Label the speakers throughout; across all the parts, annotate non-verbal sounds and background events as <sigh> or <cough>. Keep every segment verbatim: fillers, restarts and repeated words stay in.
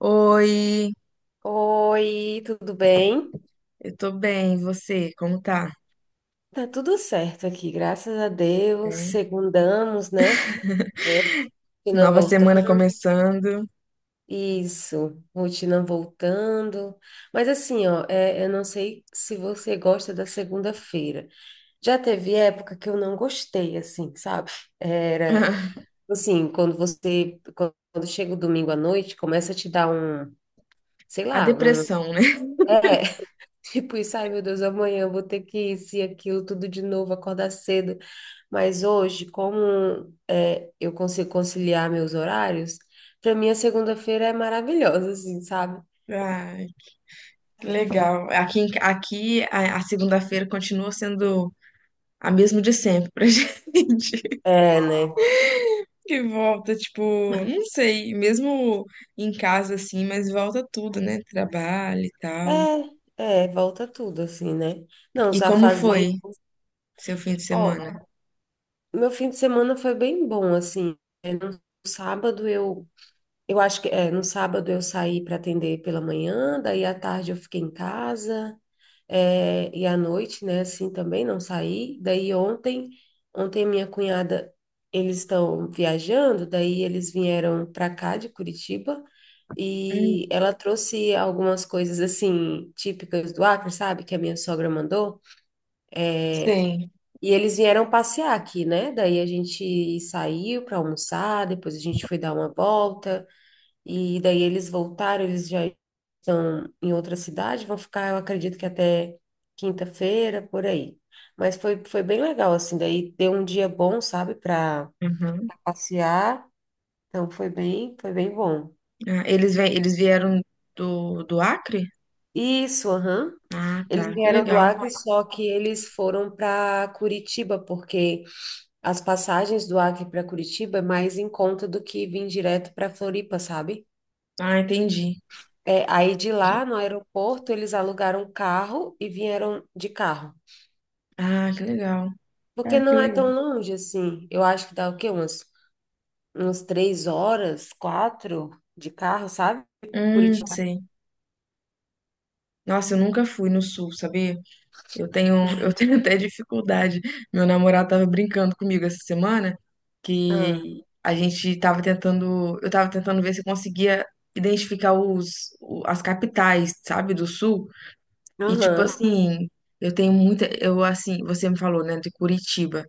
Speaker 1: Oi,
Speaker 2: Oi, tudo bem?
Speaker 1: eu tô bem, e você, como tá?
Speaker 2: Tá tudo certo aqui, graças a Deus.
Speaker 1: É.
Speaker 2: Segundamos, né? É, rotina
Speaker 1: Nova semana
Speaker 2: voltando.
Speaker 1: começando.
Speaker 2: Isso, rotina voltando. Mas assim, ó, é, eu não sei se você gosta da segunda-feira. Já teve época que eu não gostei, assim, sabe? Era,
Speaker 1: <laughs>
Speaker 2: assim, quando você, quando chega o domingo à noite, começa a te dar um, sei
Speaker 1: A
Speaker 2: lá, um,
Speaker 1: depressão, né?
Speaker 2: é, tipo isso, ai meu Deus, amanhã eu vou ter que isso e aquilo tudo de novo, acordar cedo. Mas hoje, como é, eu consigo conciliar meus horários, para mim a segunda-feira é maravilhosa, assim, sabe?
Speaker 1: Ai, que legal. Aqui, em aqui a, a segunda-feira continua sendo a mesma de sempre pra <laughs> gente.
Speaker 2: É, né?
Speaker 1: Que volta, tipo, não sei, mesmo em casa assim, mas volta tudo, né? Trabalho e tal.
Speaker 2: É, é, volta tudo, assim, né? Não,
Speaker 1: E
Speaker 2: só
Speaker 1: como foi
Speaker 2: fazer.
Speaker 1: seu fim de
Speaker 2: Ó,
Speaker 1: semana?
Speaker 2: meu fim de semana foi bem bom, assim. É, no sábado eu. Eu acho que é, no sábado eu saí para atender pela manhã, daí à tarde eu fiquei em casa. É, e à noite, né, assim também não saí. Daí ontem, ontem minha cunhada, eles estão viajando, daí eles vieram para cá de Curitiba
Speaker 1: Hum.
Speaker 2: e ela trouxe algumas coisas assim típicas do Acre, sabe, que a minha sogra mandou.
Speaker 1: Sei.
Speaker 2: E eles vieram passear aqui, né? Daí a gente saiu para almoçar, depois a gente foi dar uma volta. E daí eles voltaram, eles já estão em outra cidade, vão ficar, eu acredito que até quinta-feira, por aí. Mas foi, foi bem legal, assim, daí deu um dia bom, sabe, para
Speaker 1: Uhum.
Speaker 2: passear. Então foi bem, foi bem bom.
Speaker 1: Ah, eles, vêm- eles vieram do, do Acre?
Speaker 2: Isso, aham.
Speaker 1: Ah,
Speaker 2: Eles
Speaker 1: tá. Que
Speaker 2: vieram do
Speaker 1: legal.
Speaker 2: Acre, só que eles foram para Curitiba, porque as passagens do Acre para Curitiba é mais em conta do que vir direto para Floripa, sabe?
Speaker 1: Ah, entendi.
Speaker 2: É, aí de lá, no aeroporto, eles alugaram um carro e vieram de carro.
Speaker 1: Ah, que legal.
Speaker 2: Porque
Speaker 1: Ah, que
Speaker 2: não é tão
Speaker 1: legal.
Speaker 2: longe assim. Eu acho que dá o quê? Uns, uns três horas, quatro de carro, sabe?
Speaker 1: Hum,
Speaker 2: Curitiba.
Speaker 1: sei. Nossa, eu nunca fui no sul, sabia? Eu tenho, eu <laughs> tenho até dificuldade. Meu namorado tava brincando comigo essa semana
Speaker 2: Ah,
Speaker 1: que a gente tava tentando, eu tava tentando ver se eu conseguia identificar os, o- as capitais, sabe, do sul. E tipo
Speaker 2: aham,
Speaker 1: assim, eu tenho muita, eu assim, você me falou, né, de Curitiba.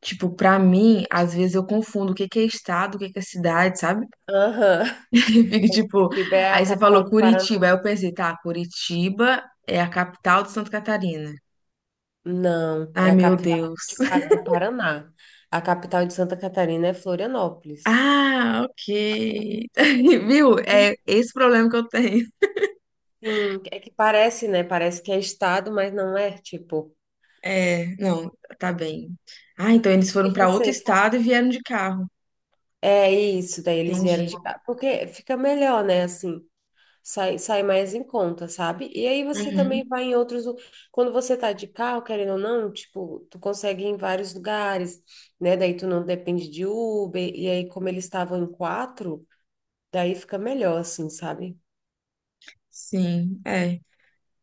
Speaker 1: Tipo, pra mim, às vezes eu confundo o que que é estado, o que que é cidade, sabe?
Speaker 2: aham. <laughs>
Speaker 1: <laughs> E fico tipo,
Speaker 2: Curitiba é a
Speaker 1: aí você falou
Speaker 2: capital do
Speaker 1: Curitiba,
Speaker 2: Paraná.
Speaker 1: aí eu pensei, tá, Curitiba é a capital de Santa Catarina.
Speaker 2: Não,
Speaker 1: Ai,
Speaker 2: é a
Speaker 1: meu
Speaker 2: capital
Speaker 1: Deus.
Speaker 2: de Pa-
Speaker 1: <laughs>
Speaker 2: do Paraná. A capital de Santa Catarina é Florianópolis.
Speaker 1: Ah, ok. <laughs> Viu? É esse problema que eu tenho.
Speaker 2: Sim, é que parece, né? Parece que é estado, mas não é, tipo.
Speaker 1: É, não, tá bem. Ah, então eles
Speaker 2: E
Speaker 1: foram pra outro
Speaker 2: você?
Speaker 1: estado e vieram de carro.
Speaker 2: É isso, daí eles vieram
Speaker 1: Entendi.
Speaker 2: de cá. Porque fica melhor, né? Assim, sai, sai mais em conta, sabe? E aí você
Speaker 1: Uhum,
Speaker 2: também vai em outros. lu- Quando você tá de carro, querendo ou não, tipo, tu consegue ir em vários lugares, né? Daí tu não depende de Uber. E aí, como eles estavam em quatro, daí fica melhor, assim, sabe?
Speaker 1: sim, é.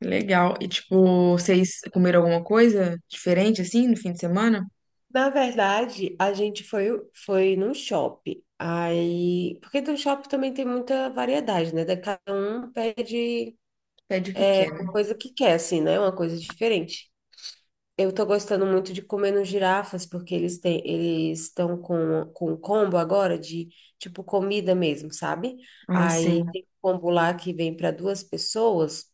Speaker 1: Legal. E, tipo, vocês comeram alguma coisa diferente, assim, no fim de semana?
Speaker 2: Na verdade, a gente foi, foi num shopping. Aí, porque do shopping também tem muita variedade, né? Da- Cada um pede
Speaker 1: Pede o que quer,
Speaker 2: uma
Speaker 1: né?
Speaker 2: coisa que quer, assim, né? Uma coisa diferente. Eu tô gostando muito de comer nos girafas, porque eles têm, eles estão com, com um combo agora de, tipo, comida mesmo, sabe?
Speaker 1: Ah, sim.
Speaker 2: Aí tem um combo lá que vem para duas pessoas,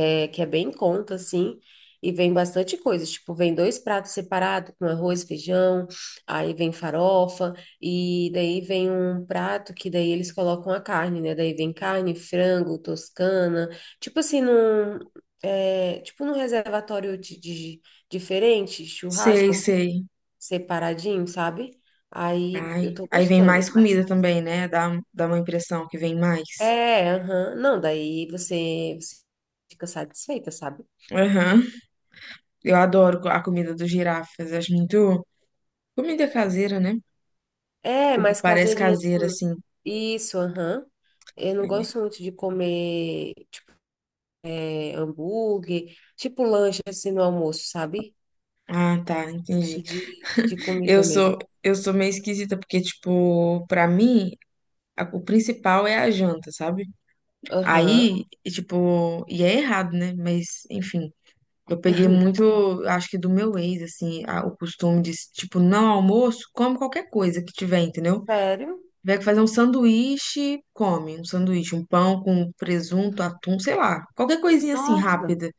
Speaker 2: é, que é bem em conta, assim, e vem bastante coisa. Tipo, vem dois pratos separados com arroz, feijão, aí vem farofa, e daí vem um prato que daí eles colocam a carne, né? Daí vem carne, frango, toscana, tipo assim, num, é, tipo num reservatório de, de- diferente,
Speaker 1: Sei,
Speaker 2: churrasco, assim,
Speaker 1: sei.
Speaker 2: separadinho, sabe? Aí eu
Speaker 1: Ai.
Speaker 2: tô
Speaker 1: Aí vem
Speaker 2: gostando,
Speaker 1: mais
Speaker 2: mas
Speaker 1: comida também, né? Dá, dá uma impressão que vem mais.
Speaker 2: é, aham. Não, daí você, você fica satisfeita, sabe?
Speaker 1: Aham. Eu adoro co- a comida dos girafas. Acho muito. Comida caseira, né?
Speaker 2: É,
Speaker 1: Tipo,
Speaker 2: mais
Speaker 1: parece
Speaker 2: caseirinha assim.
Speaker 1: caseira, assim.
Speaker 2: Isso, aham. Eu não
Speaker 1: É.
Speaker 2: gosto muito de comer, tipo, é, hambúrguer, tipo lanche assim no almoço, sabe?
Speaker 1: Ah, tá. Entendi.
Speaker 2: Gosto de, de
Speaker 1: Eu
Speaker 2: comida mesmo.
Speaker 1: sou, eu sou meio esquisita, porque, tipo, pra mim, a- o principal é a janta, sabe?
Speaker 2: Aham.
Speaker 1: Aí, e, tipo, e é errado, né? Mas, enfim, eu peguei muito, acho que do meu ex, assim, a- o costume de, tipo, não almoço, come qualquer coisa que tiver, entendeu?
Speaker 2: Sério?
Speaker 1: Tiver que fazer um sanduíche, come um sanduíche, um pão com presunto, atum, sei lá, qualquer coisinha assim,
Speaker 2: Nossa.
Speaker 1: rápida.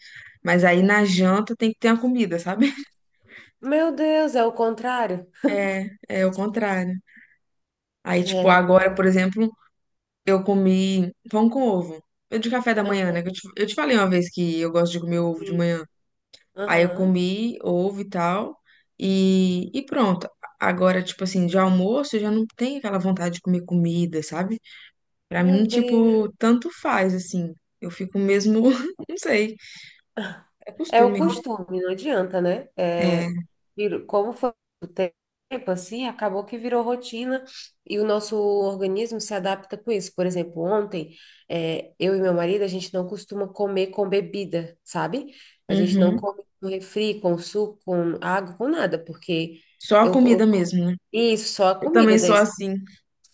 Speaker 1: Mas aí na janta tem que ter a comida, sabe? <laughs>
Speaker 2: Meu Deus, é o contrário?
Speaker 1: É, é o contrário. Aí,
Speaker 2: É,
Speaker 1: tipo,
Speaker 2: não.
Speaker 1: agora, por exemplo, eu comi pão com ovo. Eu de café da manhã, né?
Speaker 2: Aham,
Speaker 1: que Eu te, eu te falei uma vez que eu gosto de comer ovo de
Speaker 2: sim.
Speaker 1: manhã. Aí eu
Speaker 2: Aham.
Speaker 1: comi ovo e tal, e, e pronto. Agora, tipo assim, de almoço eu já não tenho aquela vontade de comer comida, sabe? Pra mim,
Speaker 2: Meu Deus.
Speaker 1: tipo, tanto faz, assim. Eu fico mesmo, <laughs> não sei, é
Speaker 2: É o
Speaker 1: costume.
Speaker 2: costume, não adianta, né? É,
Speaker 1: É,
Speaker 2: virou- como foi o tempo assim, acabou que virou rotina e o nosso organismo se adapta com isso. Por exemplo, ontem, é, eu e meu marido, a gente não costuma comer com bebida, sabe? A gente não
Speaker 1: uhum.
Speaker 2: come com refri, com suco, com água, com nada, porque
Speaker 1: Só a
Speaker 2: eu,
Speaker 1: comida
Speaker 2: eu-
Speaker 1: mesmo, né?
Speaker 2: isso, só a
Speaker 1: Eu também
Speaker 2: comida
Speaker 1: sou
Speaker 2: daí.
Speaker 1: assim.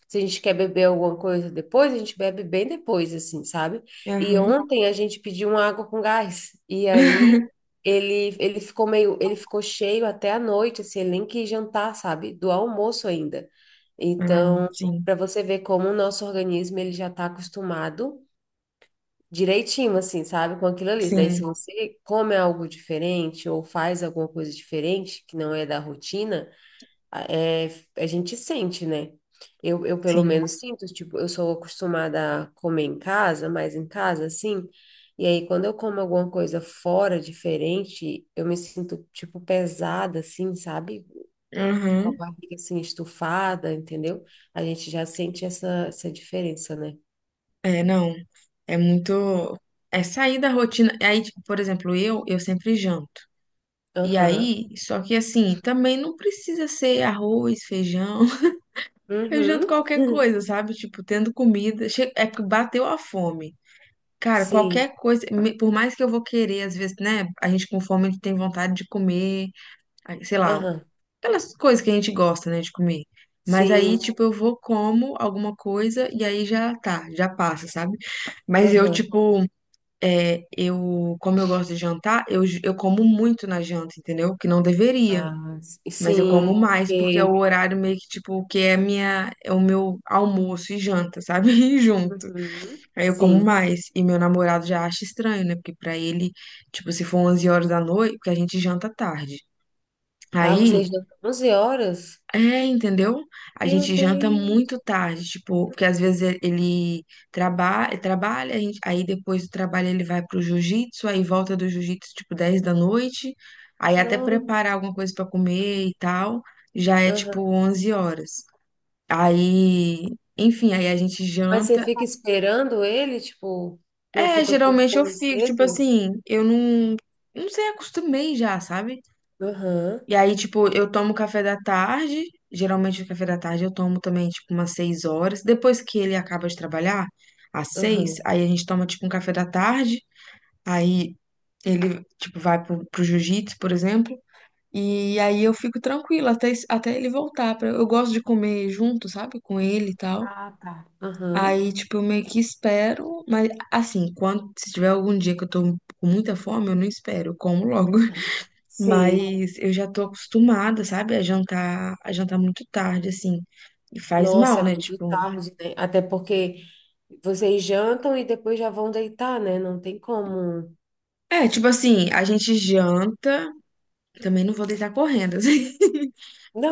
Speaker 2: Se a gente quer beber alguma coisa depois, a gente bebe bem depois, assim, sabe? E
Speaker 1: Aham.
Speaker 2: ontem a gente pediu uma água com gás. E
Speaker 1: <laughs>
Speaker 2: aí ele, ele ficou meio, ele ficou cheio até a noite, assim, ele nem quis jantar, sabe? Do almoço ainda.
Speaker 1: Ah,
Speaker 2: Então,
Speaker 1: sim,
Speaker 2: para você ver como o nosso organismo ele já está acostumado direitinho, assim, sabe? Com aquilo ali. Daí,
Speaker 1: sim,
Speaker 2: se você come algo diferente ou faz alguma coisa diferente que não é da rotina é, a gente sente, né? Eu, eu pelo
Speaker 1: sim.
Speaker 2: menos sinto, tipo, eu sou acostumada a comer em casa, mais em casa, assim, e aí quando eu como alguma coisa fora, diferente, eu me sinto, tipo, pesada, assim, sabe? Com a
Speaker 1: Aham.
Speaker 2: barriga, assim, estufada, entendeu? A gente já sente essa, essa diferença, né?
Speaker 1: É, não. É muito. É sair da rotina. Aí, tipo, por exemplo, eu, eu sempre janto. E
Speaker 2: Aham.
Speaker 1: aí, só que assim, também não precisa ser arroz, feijão. <laughs> Eu janto
Speaker 2: Uhum.
Speaker 1: qualquer coisa, sabe? Tipo, tendo comida. Che- É porque bateu a fome.
Speaker 2: <laughs>
Speaker 1: Cara,
Speaker 2: Sim.
Speaker 1: qualquer coisa, me- por mais que eu vou querer, às vezes, né? A gente com fome, a gente tem vontade de comer, aí, sei lá,
Speaker 2: Aham.
Speaker 1: aquelas coisas que a gente gosta, né, de comer. Mas aí,
Speaker 2: Sim.
Speaker 1: tipo, eu vou, como alguma coisa e aí já tá, já passa, sabe? Mas eu,
Speaker 2: Aham.
Speaker 1: tipo, é, eu, como eu gosto de jantar, eu, j- eu como muito na janta, entendeu? Que não deveria.
Speaker 2: Ah, s-
Speaker 1: Mas eu como
Speaker 2: sim.
Speaker 1: mais, porque é o
Speaker 2: porque-
Speaker 1: horário meio que, tipo, que é a minha, é o meu almoço e janta, sabe? <laughs> E junto.
Speaker 2: Uhum.
Speaker 1: Aí eu como
Speaker 2: Sim.
Speaker 1: mais. E meu namorado já acha estranho, né? Porque pra ele, tipo, se for onze horas da noite, porque a gente janta tarde.
Speaker 2: Ah,
Speaker 1: Aí,
Speaker 2: vocês dão onze horas?
Speaker 1: é, entendeu? A
Speaker 2: Meu
Speaker 1: gente janta
Speaker 2: Deus,
Speaker 1: muito tarde, tipo, porque às vezes ele ele traba eh, trabalha, a gente- aí depois do trabalho ele vai pro jiu-jitsu, aí volta do jiu-jitsu tipo dez da noite, aí até
Speaker 2: não.
Speaker 1: preparar alguma coisa pra comer e tal, já é
Speaker 2: Aham.
Speaker 1: tipo onze horas. Aí, enfim, aí a gente
Speaker 2: Mas você
Speaker 1: janta.
Speaker 2: fica esperando ele, tipo, não
Speaker 1: É,
Speaker 2: fica com
Speaker 1: geralmente eu
Speaker 2: fome
Speaker 1: fico, tipo
Speaker 2: cedo?
Speaker 1: assim, eu não, não sei, acostumei já, sabe?
Speaker 2: Aham,
Speaker 1: E aí, tipo, eu tomo café da tarde. Geralmente o café da tarde eu tomo também, tipo, umas seis horas. Depois que ele acaba de trabalhar, às seis,
Speaker 2: aham.
Speaker 1: aí a gente toma, tipo, um café da tarde. Aí ele, tipo, vai pro, pro jiu-jitsu, por exemplo. E aí eu fico tranquila até, es- até ele voltar. Pra, eu gosto de comer junto, sabe? Com ele e tal.
Speaker 2: Ah, tá. Aham.
Speaker 1: Aí, tipo, eu meio que espero. Mas, assim, quando, se tiver algum dia que eu tô com muita fome, eu não espero, eu como logo.
Speaker 2: Sim.
Speaker 1: Mas eu já tô acostumada, sabe, a jantar, a jantar muito tarde, assim. E faz
Speaker 2: Nossa,
Speaker 1: mal,
Speaker 2: é
Speaker 1: né?
Speaker 2: muito
Speaker 1: Tipo.
Speaker 2: tarde, né? Até porque vocês jantam e depois já vão deitar, né? Não tem como.
Speaker 1: É, tipo assim, a gente janta. Também não vou deitar correndo, <laughs> assim.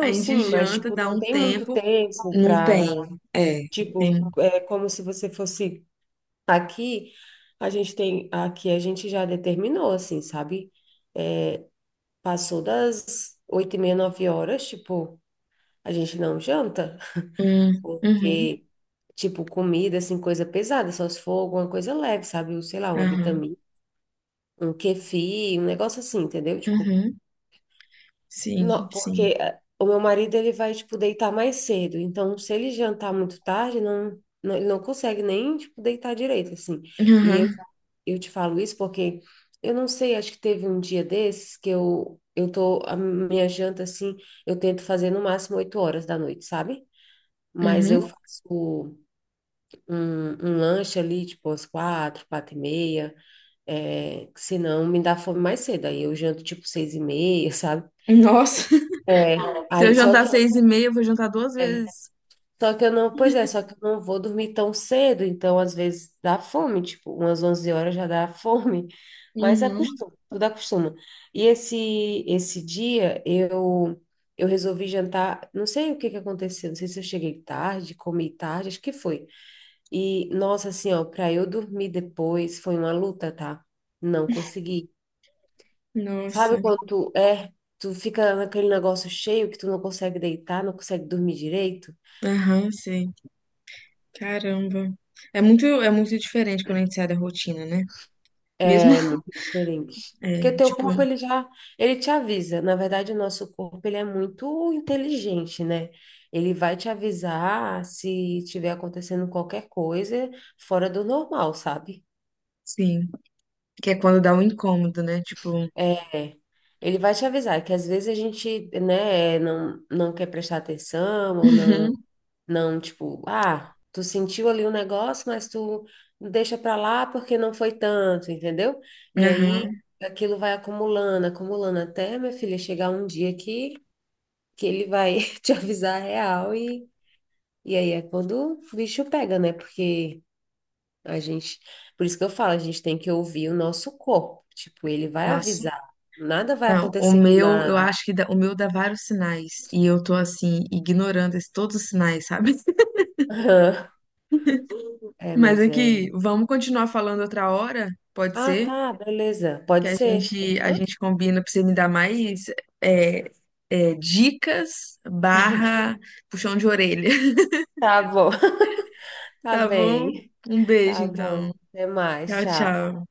Speaker 1: A gente
Speaker 2: sim, mas,
Speaker 1: janta,
Speaker 2: tipo,
Speaker 1: dá
Speaker 2: não
Speaker 1: um
Speaker 2: tem muito
Speaker 1: tempo.
Speaker 2: tempo
Speaker 1: Não
Speaker 2: para
Speaker 1: tem. É, não tem.
Speaker 2: tipo, é como se você fosse aqui. A gente tem. Aqui a gente já determinou, assim, sabe? Passou das oito e meia, nove horas, tipo, a gente não janta,
Speaker 1: Hum, uhum,
Speaker 2: porque, tipo, comida, assim, coisa pesada, só se for alguma coisa leve, sabe? Um, sei lá, uma
Speaker 1: aham,
Speaker 2: vitamina, um kefir, um negócio assim, entendeu? Tipo,
Speaker 1: uhum, sim,
Speaker 2: não,
Speaker 1: sim.
Speaker 2: porque eh, o meu marido, ele vai, tipo, deitar mais cedo, então, se ele jantar muito tarde, não, não, ele não consegue nem, tipo, deitar direito, assim. E
Speaker 1: Aham,
Speaker 2: eu te falo isso porque eu não sei, acho que teve um dia desses que eu, eu tô, a minha janta assim, eu tento fazer no máximo oito horas da noite, sabe? Mas eu
Speaker 1: uhum.
Speaker 2: faço um, um lanche ali, tipo, às quatro, quatro e meia, é, que senão me dá fome mais cedo, aí eu janto tipo seis e meia, <laughs> sabe?
Speaker 1: Nossa,
Speaker 2: É,
Speaker 1: <laughs> se eu
Speaker 2: aí só
Speaker 1: jantar
Speaker 2: que
Speaker 1: seis e meia, eu vou jantar duas
Speaker 2: é,
Speaker 1: vezes.
Speaker 2: Só que eu não, pois é, só que eu não vou dormir tão cedo, então às vezes dá fome, tipo, umas onze horas já dá <laughs> fome, mas
Speaker 1: Uhum,
Speaker 2: acostuma, tudo acostuma. E esse esse dia eu eu resolvi jantar, não sei o que que aconteceu, não sei se eu cheguei tarde, comi tarde, acho que foi. E nossa, assim, ó, para eu dormir depois foi uma luta, tá? Não consegui.
Speaker 1: nossa.
Speaker 2: Sabe quando tu, é, tu fica naquele negócio cheio que tu não consegue deitar, não consegue dormir direito?
Speaker 1: Aham, sim. Caramba. É muito, é muito diferente quando a gente sai da rotina, né? Mesmo, <laughs>
Speaker 2: Diferente. Porque
Speaker 1: é,
Speaker 2: teu corpo,
Speaker 1: tipo,
Speaker 2: ele já, ele te avisa. Na verdade, o nosso corpo, ele é muito inteligente, né? Ele vai te avisar se estiver acontecendo qualquer coisa fora do normal, sabe?
Speaker 1: sim, que é quando dá um incômodo, né? Tipo,
Speaker 2: É. Ele vai te avisar que às vezes a gente, né, não, não quer prestar atenção ou não.
Speaker 1: uhum,
Speaker 2: Não, tipo, ah, tu sentiu ali o negócio, mas tu deixa pra lá porque não foi tanto, entendeu? E aí
Speaker 1: aham,
Speaker 2: aquilo vai acumulando, acumulando até, minha filha, chegar um dia que, que ele vai <laughs> te avisar a real e, e aí é quando o bicho pega, né? Porque a gente, por isso que eu falo, a gente tem que ouvir o nosso corpo. Tipo, ele vai
Speaker 1: nossa.
Speaker 2: avisar, nada vai
Speaker 1: Não, o
Speaker 2: acontecer do
Speaker 1: meu, eu
Speaker 2: nada.
Speaker 1: acho que dá- o meu dá vários sinais e eu tô assim ignorando esse- todos os sinais, sabe? <laughs>
Speaker 2: <laughs> É,
Speaker 1: Mas
Speaker 2: mas
Speaker 1: é
Speaker 2: é.
Speaker 1: que vamos continuar falando outra hora, pode
Speaker 2: Ah,
Speaker 1: ser?
Speaker 2: tá, beleza,
Speaker 1: Que
Speaker 2: pode
Speaker 1: a
Speaker 2: ser.
Speaker 1: gente a
Speaker 2: Aham.
Speaker 1: gente combina pra você me dar mais é, é, dicas barra puxão de orelha.
Speaker 2: Tá bom. Tá
Speaker 1: Tá bom?
Speaker 2: bem.
Speaker 1: Um beijo,
Speaker 2: Tá bom.
Speaker 1: então.
Speaker 2: Até mais.
Speaker 1: Tchau,
Speaker 2: Tchau.
Speaker 1: tchau.